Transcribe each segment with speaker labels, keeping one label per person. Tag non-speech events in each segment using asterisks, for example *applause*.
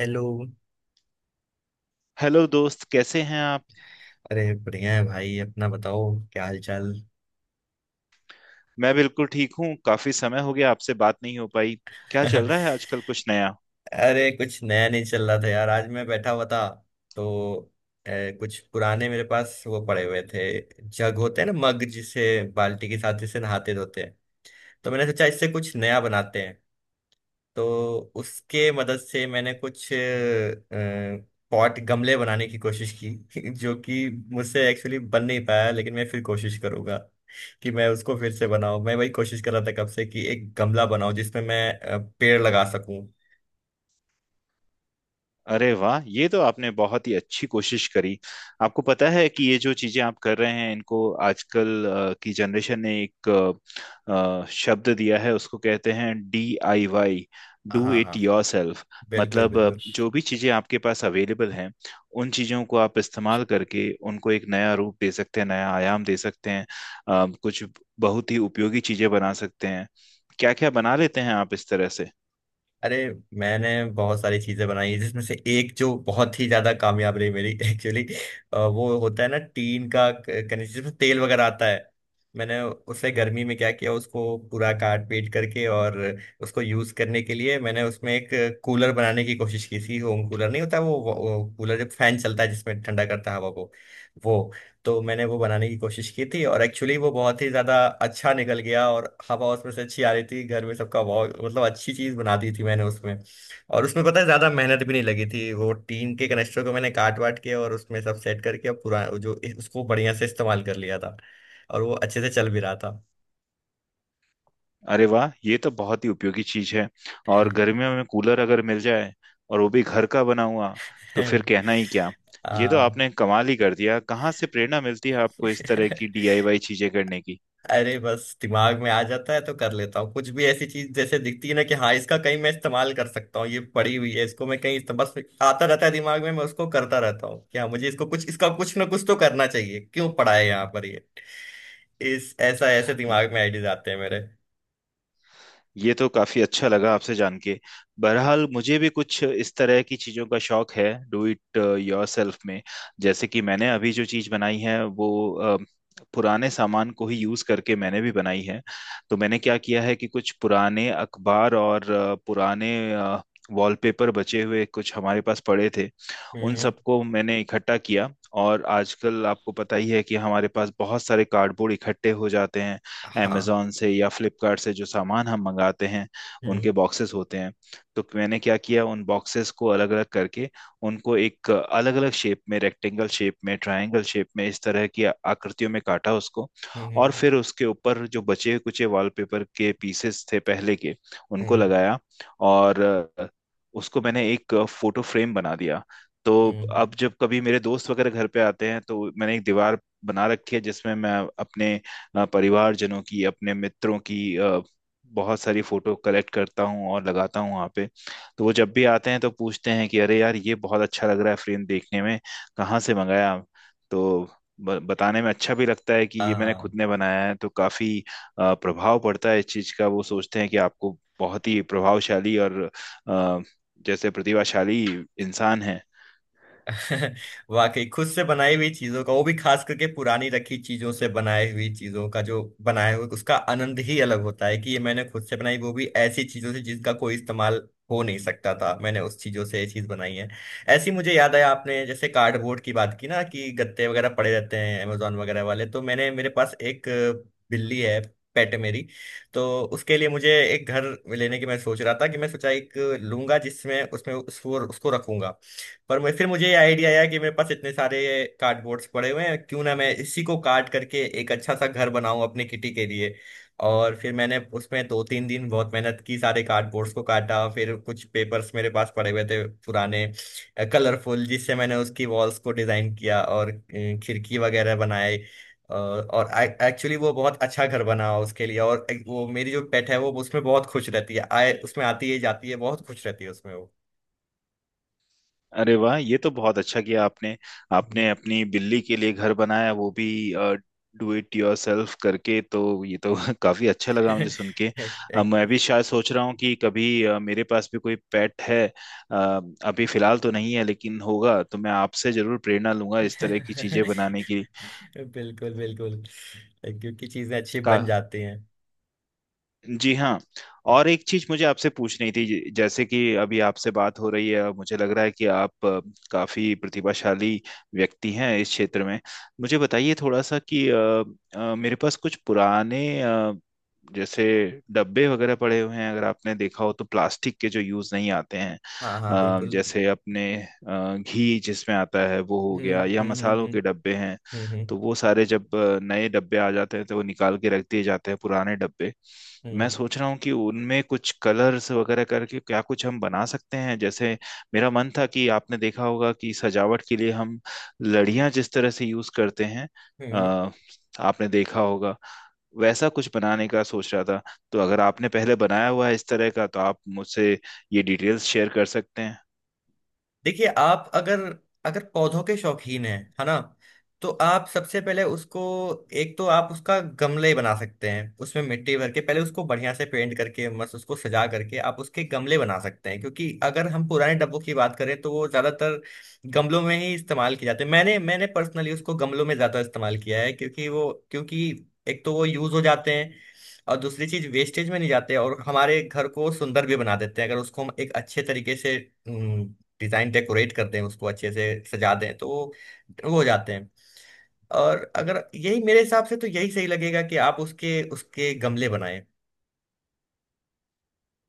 Speaker 1: Hello.
Speaker 2: Hello दोस्त, कैसे हैं आप?
Speaker 1: अरे बढ़िया है भाई, अपना बताओ, क्या हाल चाल।
Speaker 2: मैं बिल्कुल ठीक हूँ। काफी समय हो गया, आपसे बात नहीं हो पाई। क्या चल रहा है
Speaker 1: *laughs*
Speaker 2: आजकल, कुछ नया?
Speaker 1: अरे कुछ नया नहीं चल रहा था यार। आज मैं बैठा हुआ था, तो अ, कुछ पुराने मेरे पास वो पड़े हुए थे। जग होते हैं ना, मग जिसे बाल्टी के साथ जिसे नहाते धोते हैं। तो मैंने सोचा इससे कुछ नया बनाते हैं। तो उसके मदद से मैंने कुछ पॉट गमले बनाने की कोशिश की। *laughs* जो कि मुझसे एक्चुअली बन नहीं पाया, लेकिन मैं फिर कोशिश करूंगा कि मैं उसको फिर से बनाऊं। मैं वही कोशिश कर रहा था कब से कि एक गमला बनाऊं जिसमें मैं पेड़ लगा सकूं।
Speaker 2: अरे वाह, ये तो आपने बहुत ही अच्छी कोशिश करी। आपको पता है कि ये जो चीजें आप कर रहे हैं इनको आजकल की जनरेशन ने एक शब्द दिया है, उसको कहते हैं DIY।
Speaker 1: हाँ
Speaker 2: डू
Speaker 1: हाँ
Speaker 2: इट
Speaker 1: हाँ।
Speaker 2: Yourself.
Speaker 1: बिल्कुल
Speaker 2: मतलब
Speaker 1: बिल्कुल।
Speaker 2: जो भी चीजें आपके पास अवेलेबल हैं, उन चीजों को आप इस्तेमाल करके उनको एक नया रूप दे सकते हैं, नया आयाम दे सकते हैं। कुछ बहुत ही उपयोगी चीजें बना सकते हैं। क्या क्या बना लेते हैं आप इस तरह से?
Speaker 1: अरे मैंने बहुत सारी चीजें बनाई हैं, जिसमें से एक जो बहुत ही ज्यादा कामयाब रही मेरी *laughs* एक्चुअली, वो होता है ना टीन का कनेक्शन जिसमें तेल वगैरह आता है। मैंने उसे गर्मी में क्या किया, उसको पूरा काट पीट करके और उसको यूज करने के लिए मैंने उसमें एक कूलर बनाने की कोशिश की थी। होम कूलर नहीं होता वो, वो कूलर जब फैन चलता है जिसमें ठंडा करता है हवा को, वो। तो मैंने वो बनाने की कोशिश की थी और एक्चुअली वो बहुत ही ज्यादा अच्छा निकल गया और हवा उसमें से अच्छी आ रही थी। घर में सबका बहुत, मतलब अच्छी चीज बना दी थी मैंने उसमें। और उसमें पता है ज्यादा मेहनत भी नहीं लगी थी। वो टीन के कनेक्टर को मैंने काट वाट के और उसमें सब सेट करके अब पूरा जो उसको बढ़िया से इस्तेमाल कर लिया था और वो अच्छे से चल भी रहा था।
Speaker 2: अरे वाह, ये तो बहुत ही उपयोगी चीज है। और गर्मियों में कूलर अगर मिल जाए, और वो भी घर का बना हुआ, तो फिर
Speaker 1: *laughs*
Speaker 2: कहना ही क्या। ये तो
Speaker 1: आ,
Speaker 2: आपने कमाल ही कर दिया। कहाँ से प्रेरणा मिलती है आपको इस तरह की
Speaker 1: *laughs*
Speaker 2: DIY चीजें करने की?
Speaker 1: अरे बस दिमाग में आ जाता है तो कर लेता हूँ। कुछ भी ऐसी चीज जैसे दिखती है ना कि हाँ, इसका कहीं मैं इस्तेमाल कर सकता हूँ, ये पड़ी हुई है, इसको मैं कहीं बस आता रहता है दिमाग में। मैं उसको करता रहता हूँ कि हाँ, मुझे इसको कुछ, इसका कुछ ना कुछ तो करना चाहिए, क्यों पड़ा है यहाँ पर ये। इस ऐसा ऐसे दिमाग में आइडियाज आते हैं मेरे।
Speaker 2: ये तो काफी अच्छा लगा आपसे जान के। बहरहाल, मुझे भी कुछ इस तरह की चीजों का शौक है, डू इट योरसेल्फ में। जैसे कि मैंने अभी जो चीज बनाई है, वो पुराने सामान को ही यूज करके मैंने भी बनाई है। तो मैंने क्या किया है कि कुछ पुराने अखबार और पुराने वॉलपेपर बचे हुए कुछ हमारे पास पड़े थे। उन
Speaker 1: हम्म।
Speaker 2: सबको मैंने इकट्ठा किया। और आजकल आपको पता ही है कि हमारे पास बहुत सारे कार्डबोर्ड इकट्ठे हो जाते हैं।
Speaker 1: हाँ।
Speaker 2: अमेजोन से या फ्लिपकार्ट से जो सामान हम मंगाते हैं, उनके
Speaker 1: हम्म
Speaker 2: बॉक्सेस होते हैं। तो मैंने क्या किया, उन बॉक्सेस को अलग अलग करके उनको एक अलग अलग शेप में, रेक्टेंगल शेप में, ट्रायंगल शेप में, इस तरह की आकृतियों में काटा उसको।
Speaker 1: हम्म।
Speaker 2: और फिर उसके ऊपर जो बचे कुचे वॉलपेपर के पीसेस थे पहले के, उनको
Speaker 1: हम्म।
Speaker 2: लगाया। और अ, उसको मैंने एक फोटो फ्रेम बना दिया। तो
Speaker 1: हम्म,
Speaker 2: अब जब कभी मेरे दोस्त वगैरह घर पे आते हैं, तो मैंने एक दीवार बना रखी है जिसमें मैं अपने परिवारजनों की, अपने मित्रों की बहुत सारी फोटो कलेक्ट करता हूँ और लगाता हूँ वहाँ पे। तो वो जब भी आते हैं तो पूछते हैं कि अरे यार, ये बहुत अच्छा लग रहा है फ्रेम देखने में, कहाँ से मंगाया? तो बताने में अच्छा भी लगता है कि ये मैंने खुद
Speaker 1: हाँ।
Speaker 2: ने बनाया है। तो काफी प्रभाव पड़ता है इस चीज का। वो सोचते हैं कि आपको बहुत ही प्रभावशाली और अ, जैसे प्रतिभाशाली इंसान है।
Speaker 1: *laughs* वाकई खुद से बनाई हुई चीजों का, वो भी खास करके पुरानी रखी चीजों से बनाई हुई चीजों का, जो बनाया हुआ उसका आनंद ही अलग होता है कि ये मैंने खुद से बनाई, वो भी ऐसी चीजों से जिसका कोई इस्तेमाल हो नहीं सकता था। मैंने उस चीजों से ये चीज बनाई है। ऐसी, मुझे याद आया, आपने जैसे कार्डबोर्ड की बात की ना कि गत्ते वगैरह पड़े रहते हैं अमेजोन वगैरह वाले, तो मैंने, मेरे पास एक बिल्ली है, पेट मेरी। तो उसके लिए मुझे एक घर लेने की मैं सोच रहा था कि मैं सोचा एक लूंगा जिसमें उसमें उसको उसको रखूंगा। पर मैं फिर मुझे आइडिया आया कि मेरे पास इतने सारे कार्डबोर्ड्स पड़े हुए हैं, क्यों ना मैं इसी को काट करके एक अच्छा सा घर बनाऊं अपने किटी के लिए। और फिर मैंने उसमें दो तीन दिन बहुत मेहनत की, सारे कार्डबोर्ड्स को काटा, फिर कुछ पेपर्स मेरे पास पड़े हुए थे पुराने कलरफुल, जिससे मैंने उसकी वॉल्स को डिजाइन किया और खिड़की वगैरह बनाए। और एक्चुअली वो बहुत अच्छा घर बना उसके लिए। और एक वो मेरी जो पेट है वो उसमें बहुत खुश रहती है, आए उसमें आती है जाती है, बहुत खुश रहती है उसमें वो।
Speaker 2: अरे वाह, ये तो बहुत अच्छा किया आपने। आपने अपनी बिल्ली के लिए घर बनाया, वो भी डू इट योरसेल्फ करके, तो ये तो *laughs* काफी अच्छा लगा मुझे सुन के।
Speaker 1: *laughs*
Speaker 2: मैं भी शायद सोच रहा हूँ कि कभी मेरे पास भी कोई पेट है। अ, अभी फिलहाल तो नहीं है, लेकिन होगा तो मैं आपसे जरूर प्रेरणा लूंगा इस तरह की
Speaker 1: *laughs*
Speaker 2: चीजें बनाने की।
Speaker 1: बिल्कुल बिल्कुल। क्योंकि चीजें अच्छी
Speaker 2: का।
Speaker 1: बन जाती हैं।
Speaker 2: जी हाँ। और एक चीज मुझे आपसे पूछनी थी, जैसे कि अभी आपसे बात हो रही है, मुझे लग रहा है कि आप काफी प्रतिभाशाली व्यक्ति हैं इस क्षेत्र में। मुझे बताइए थोड़ा सा कि मेरे पास कुछ पुराने जैसे डब्बे वगैरह पड़े हुए हैं, अगर आपने देखा हो तो, प्लास्टिक के जो यूज नहीं आते हैं।
Speaker 1: हाँ हाँ बिल्कुल।
Speaker 2: जैसे अपने घी जिसमें आता है वो हो
Speaker 1: हम्म
Speaker 2: गया, या
Speaker 1: हम्म
Speaker 2: मसालों
Speaker 1: हम्म
Speaker 2: के डब्बे हैं।
Speaker 1: हम्म हम्म
Speaker 2: तो वो सारे जब नए डब्बे आ जाते हैं तो वो निकाल के रख दिए जाते हैं पुराने डब्बे।
Speaker 1: हम्म।
Speaker 2: मैं सोच रहा हूँ कि उनमें कुछ कलर्स वगैरह करके क्या कुछ हम बना सकते हैं। जैसे, मेरा मन था कि आपने देखा होगा कि सजावट के लिए हम लड़ियां जिस तरह से यूज करते हैं,
Speaker 1: हम्म,
Speaker 2: अ, आपने देखा होगा, वैसा कुछ बनाने का सोच रहा था। तो अगर आपने पहले बनाया हुआ है इस तरह का, तो आप मुझसे ये डिटेल्स शेयर कर सकते हैं।
Speaker 1: देखिए, आप अगर, अगर पौधों के शौकीन हैं, है ना, तो आप सबसे पहले उसको, एक तो आप उसका गमले बना सकते हैं उसमें मिट्टी भर के, पहले उसको बढ़िया से पेंट करके मस्त उसको सजा करके आप उसके गमले बना सकते हैं। क्योंकि अगर हम पुराने डब्बों की बात करें तो वो ज्यादातर गमलों में ही इस्तेमाल किए जाते हैं। मैंने मैंने पर्सनली उसको गमलों में ज्यादा इस्तेमाल किया है। क्योंकि वो, क्योंकि एक तो वो यूज हो जाते हैं, और दूसरी चीज वेस्टेज में नहीं जाते और हमारे घर को सुंदर भी बना देते हैं, अगर उसको हम एक अच्छे तरीके से डिजाइन डेकोरेट कर दें, उसको अच्छे से सजा दें, तो वो हो जाते हैं। और अगर यही, मेरे हिसाब से तो यही सही लगेगा कि आप उसके उसके गमले बनाएं।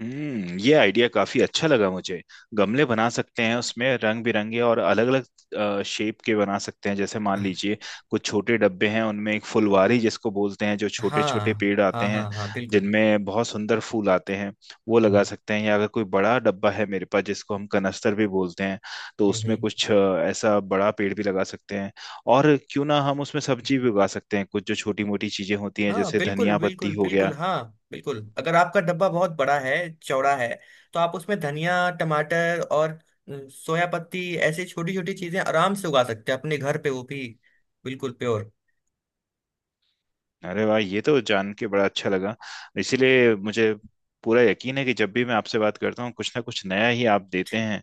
Speaker 2: हम्म, ये आइडिया काफी अच्छा लगा मुझे। गमले बना सकते हैं उसमें, रंग बिरंगे और अलग अलग शेप के बना सकते हैं। जैसे मान लीजिए, कुछ छोटे डब्बे हैं, उनमें एक फुलवारी जिसको बोलते हैं, जो छोटे छोटे
Speaker 1: हाँ
Speaker 2: पेड़ आते
Speaker 1: हाँ
Speaker 2: हैं,
Speaker 1: हाँ। हाँ बिल्कुल।
Speaker 2: जिनमें बहुत सुंदर फूल आते हैं, वो
Speaker 1: हम्म
Speaker 2: लगा सकते हैं। या अगर कोई बड़ा डब्बा है मेरे पास जिसको हम कनस्तर भी बोलते हैं, तो
Speaker 1: हम्म।
Speaker 2: उसमें
Speaker 1: हम्म।
Speaker 2: कुछ ऐसा बड़ा पेड़ भी लगा सकते हैं। और क्यों ना हम उसमें सब्जी भी उगा सकते हैं, कुछ जो छोटी मोटी चीजें होती हैं
Speaker 1: हाँ
Speaker 2: जैसे
Speaker 1: बिल्कुल
Speaker 2: धनिया पत्ती
Speaker 1: बिल्कुल
Speaker 2: हो
Speaker 1: बिल्कुल
Speaker 2: गया।
Speaker 1: हाँ। बिल्कुल, अगर आपका डब्बा बहुत बड़ा है, चौड़ा है, तो आप उसमें धनिया, टमाटर और सोया पत्ती ऐसी छोटी छोटी चीजें आराम से उगा सकते हैं अपने घर पे, वो भी बिल्कुल प्योर।
Speaker 2: अरे वाह, ये तो जान के बड़ा अच्छा लगा। इसीलिए मुझे पूरा यकीन है कि जब भी मैं आपसे बात करता हूँ, कुछ ना कुछ नया ही आप देते हैं।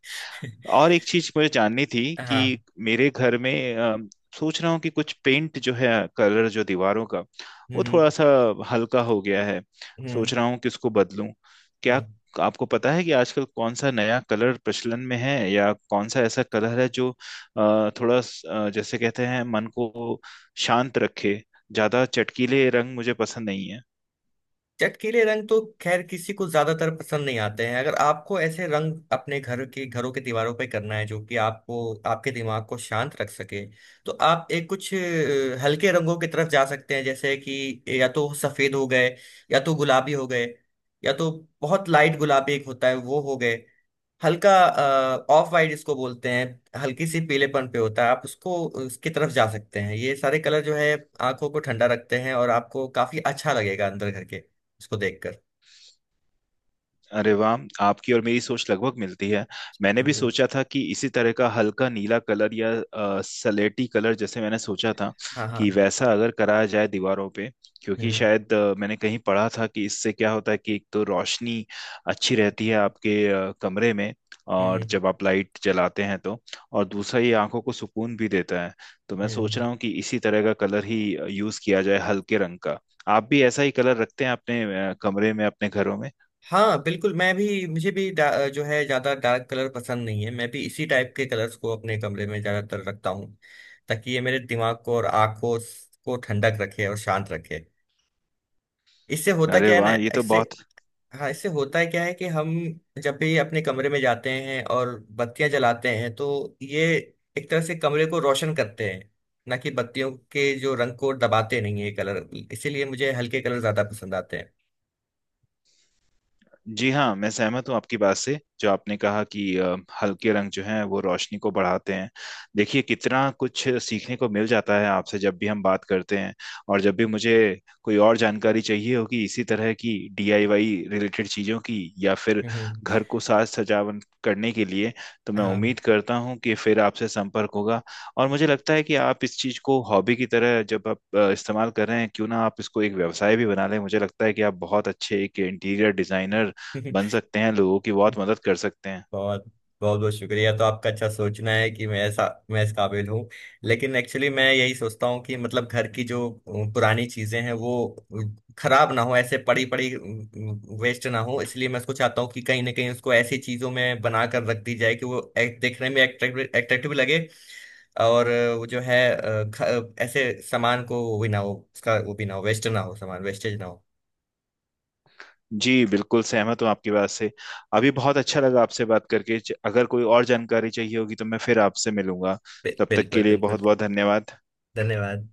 Speaker 2: और
Speaker 1: *laughs*
Speaker 2: एक चीज मुझे जाननी थी
Speaker 1: हाँ।
Speaker 2: कि मेरे घर में सोच रहा हूँ कि कुछ पेंट जो है, कलर जो दीवारों का, वो
Speaker 1: हम्म
Speaker 2: थोड़ा सा हल्का हो गया है।
Speaker 1: हम्म
Speaker 2: सोच रहा हूँ कि उसको बदलूं क्या।
Speaker 1: हम्म।
Speaker 2: आपको पता है कि आजकल कौन सा नया कलर प्रचलन में है, या कौन सा ऐसा कलर है जो थोड़ा जैसे कहते हैं मन को शांत रखे? ज्यादा चटकीले रंग मुझे पसंद नहीं।
Speaker 1: चटकीले रंग तो खैर किसी को ज्यादातर पसंद नहीं आते हैं। अगर आपको ऐसे रंग अपने घर के, घरों के दीवारों पे करना है जो कि आपको, आपके दिमाग को शांत रख सके, तो आप एक कुछ हल्के रंगों की तरफ जा सकते हैं। जैसे कि या तो सफेद हो गए, या तो गुलाबी हो गए, या तो बहुत लाइट गुलाबी एक होता है वो हो गए, हल्का ऑफ वाइट इसको बोलते हैं, हल्की सी पीलेपन पे होता है, आप उसको, उसकी तरफ जा सकते हैं। ये सारे कलर जो है आंखों को ठंडा रखते हैं और आपको काफी अच्छा लगेगा अंदर घर के इसको देखकर।
Speaker 2: अरे वाह, आपकी और मेरी सोच लगभग मिलती है। मैंने भी
Speaker 1: चलो,
Speaker 2: सोचा था कि इसी तरह का हल्का नीला कलर या सलेटी कलर, जैसे मैंने सोचा था
Speaker 1: हाँ हाँ।
Speaker 2: कि वैसा अगर कराया जाए दीवारों पे। क्योंकि
Speaker 1: हम्म
Speaker 2: शायद मैंने कहीं पढ़ा था कि इससे क्या होता है कि एक तो रोशनी अच्छी रहती है आपके कमरे में, और
Speaker 1: हम्म
Speaker 2: जब आप लाइट जलाते हैं तो, और दूसरा, ये आंखों को सुकून भी देता है। तो मैं
Speaker 1: हम्म।
Speaker 2: सोच
Speaker 1: हम्म।
Speaker 2: रहा हूँ कि इसी तरह का कलर ही यूज किया जाए, हल्के रंग का। आप भी ऐसा ही कलर रखते हैं अपने कमरे में, अपने घरों में?
Speaker 1: हाँ बिल्कुल, मैं भी, मुझे भी जो है ज्यादा डार्क कलर पसंद नहीं है। मैं भी इसी टाइप के कलर्स को अपने कमरे में ज्यादातर रखता हूँ, ताकि ये मेरे दिमाग को और आंखों को ठंडक रखे और शांत रखे। इससे होता
Speaker 2: अरे
Speaker 1: क्या है ना,
Speaker 2: वाह, ये तो
Speaker 1: इससे,
Speaker 2: बहुत।
Speaker 1: हाँ, इससे होता है क्या है कि हम जब भी अपने कमरे में जाते हैं और बत्तियां जलाते हैं तो ये एक तरह से कमरे को रोशन करते हैं, ना कि बत्तियों के जो रंग को दबाते नहीं है कलर। इसीलिए मुझे हल्के कलर ज्यादा पसंद आते हैं।
Speaker 2: जी हाँ, मैं सहमत हूँ आपकी बात से, जो आपने कहा कि हल्के रंग जो हैं वो रोशनी को बढ़ाते हैं। देखिए कितना कुछ सीखने को मिल जाता है आपसे जब भी हम बात करते हैं। और जब भी मुझे कोई और जानकारी चाहिए होगी इसी तरह की, DIY रिलेटेड चीज़ों की, या फिर
Speaker 1: हम्म,
Speaker 2: घर को साज सजावट करने के लिए, तो मैं
Speaker 1: हाँ।
Speaker 2: उम्मीद करता हूँ कि फिर आपसे संपर्क होगा। और मुझे लगता है कि आप इस चीज़ को हॉबी की तरह जब आप इस्तेमाल कर रहे हैं, क्यों ना आप इसको एक व्यवसाय भी बना लें। मुझे लगता है कि आप बहुत अच्छे एक इंटीरियर डिजाइनर बन सकते हैं, लोगों की बहुत
Speaker 1: *laughs*
Speaker 2: मदद कर सकते हैं।
Speaker 1: बहुत बहुत बहुत शुक्रिया तो आपका, अच्छा सोचना है कि मैं ऐसा, मैं इस काबिल हूँ। लेकिन एक्चुअली मैं यही सोचता हूँ कि मतलब घर की जो पुरानी चीजें हैं वो खराब ना हो ऐसे पड़ी पड़ी, वेस्ट ना हो, इसलिए मैं उसको चाहता हूँ कि कहीं ना कहीं उसको ऐसी चीजों में बना कर रख दी जाए कि वो देखने में एट्रैक्टिव एट्रैक्टिव लगे। और वो जो है, ऐसे सामान को वो भी ना हो, उसका वो भी ना हो, वेस्ट ना हो, सामान वेस्टेज ना हो।
Speaker 2: जी बिल्कुल सहमत हूँ आपकी बात से। अभी बहुत अच्छा लगा आपसे बात करके। अगर कोई और जानकारी चाहिए होगी तो मैं फिर आपसे मिलूंगा। तब तक के
Speaker 1: बिल्कुल
Speaker 2: लिए
Speaker 1: बिल्कुल।
Speaker 2: बहुत बहुत धन्यवाद।
Speaker 1: धन्यवाद।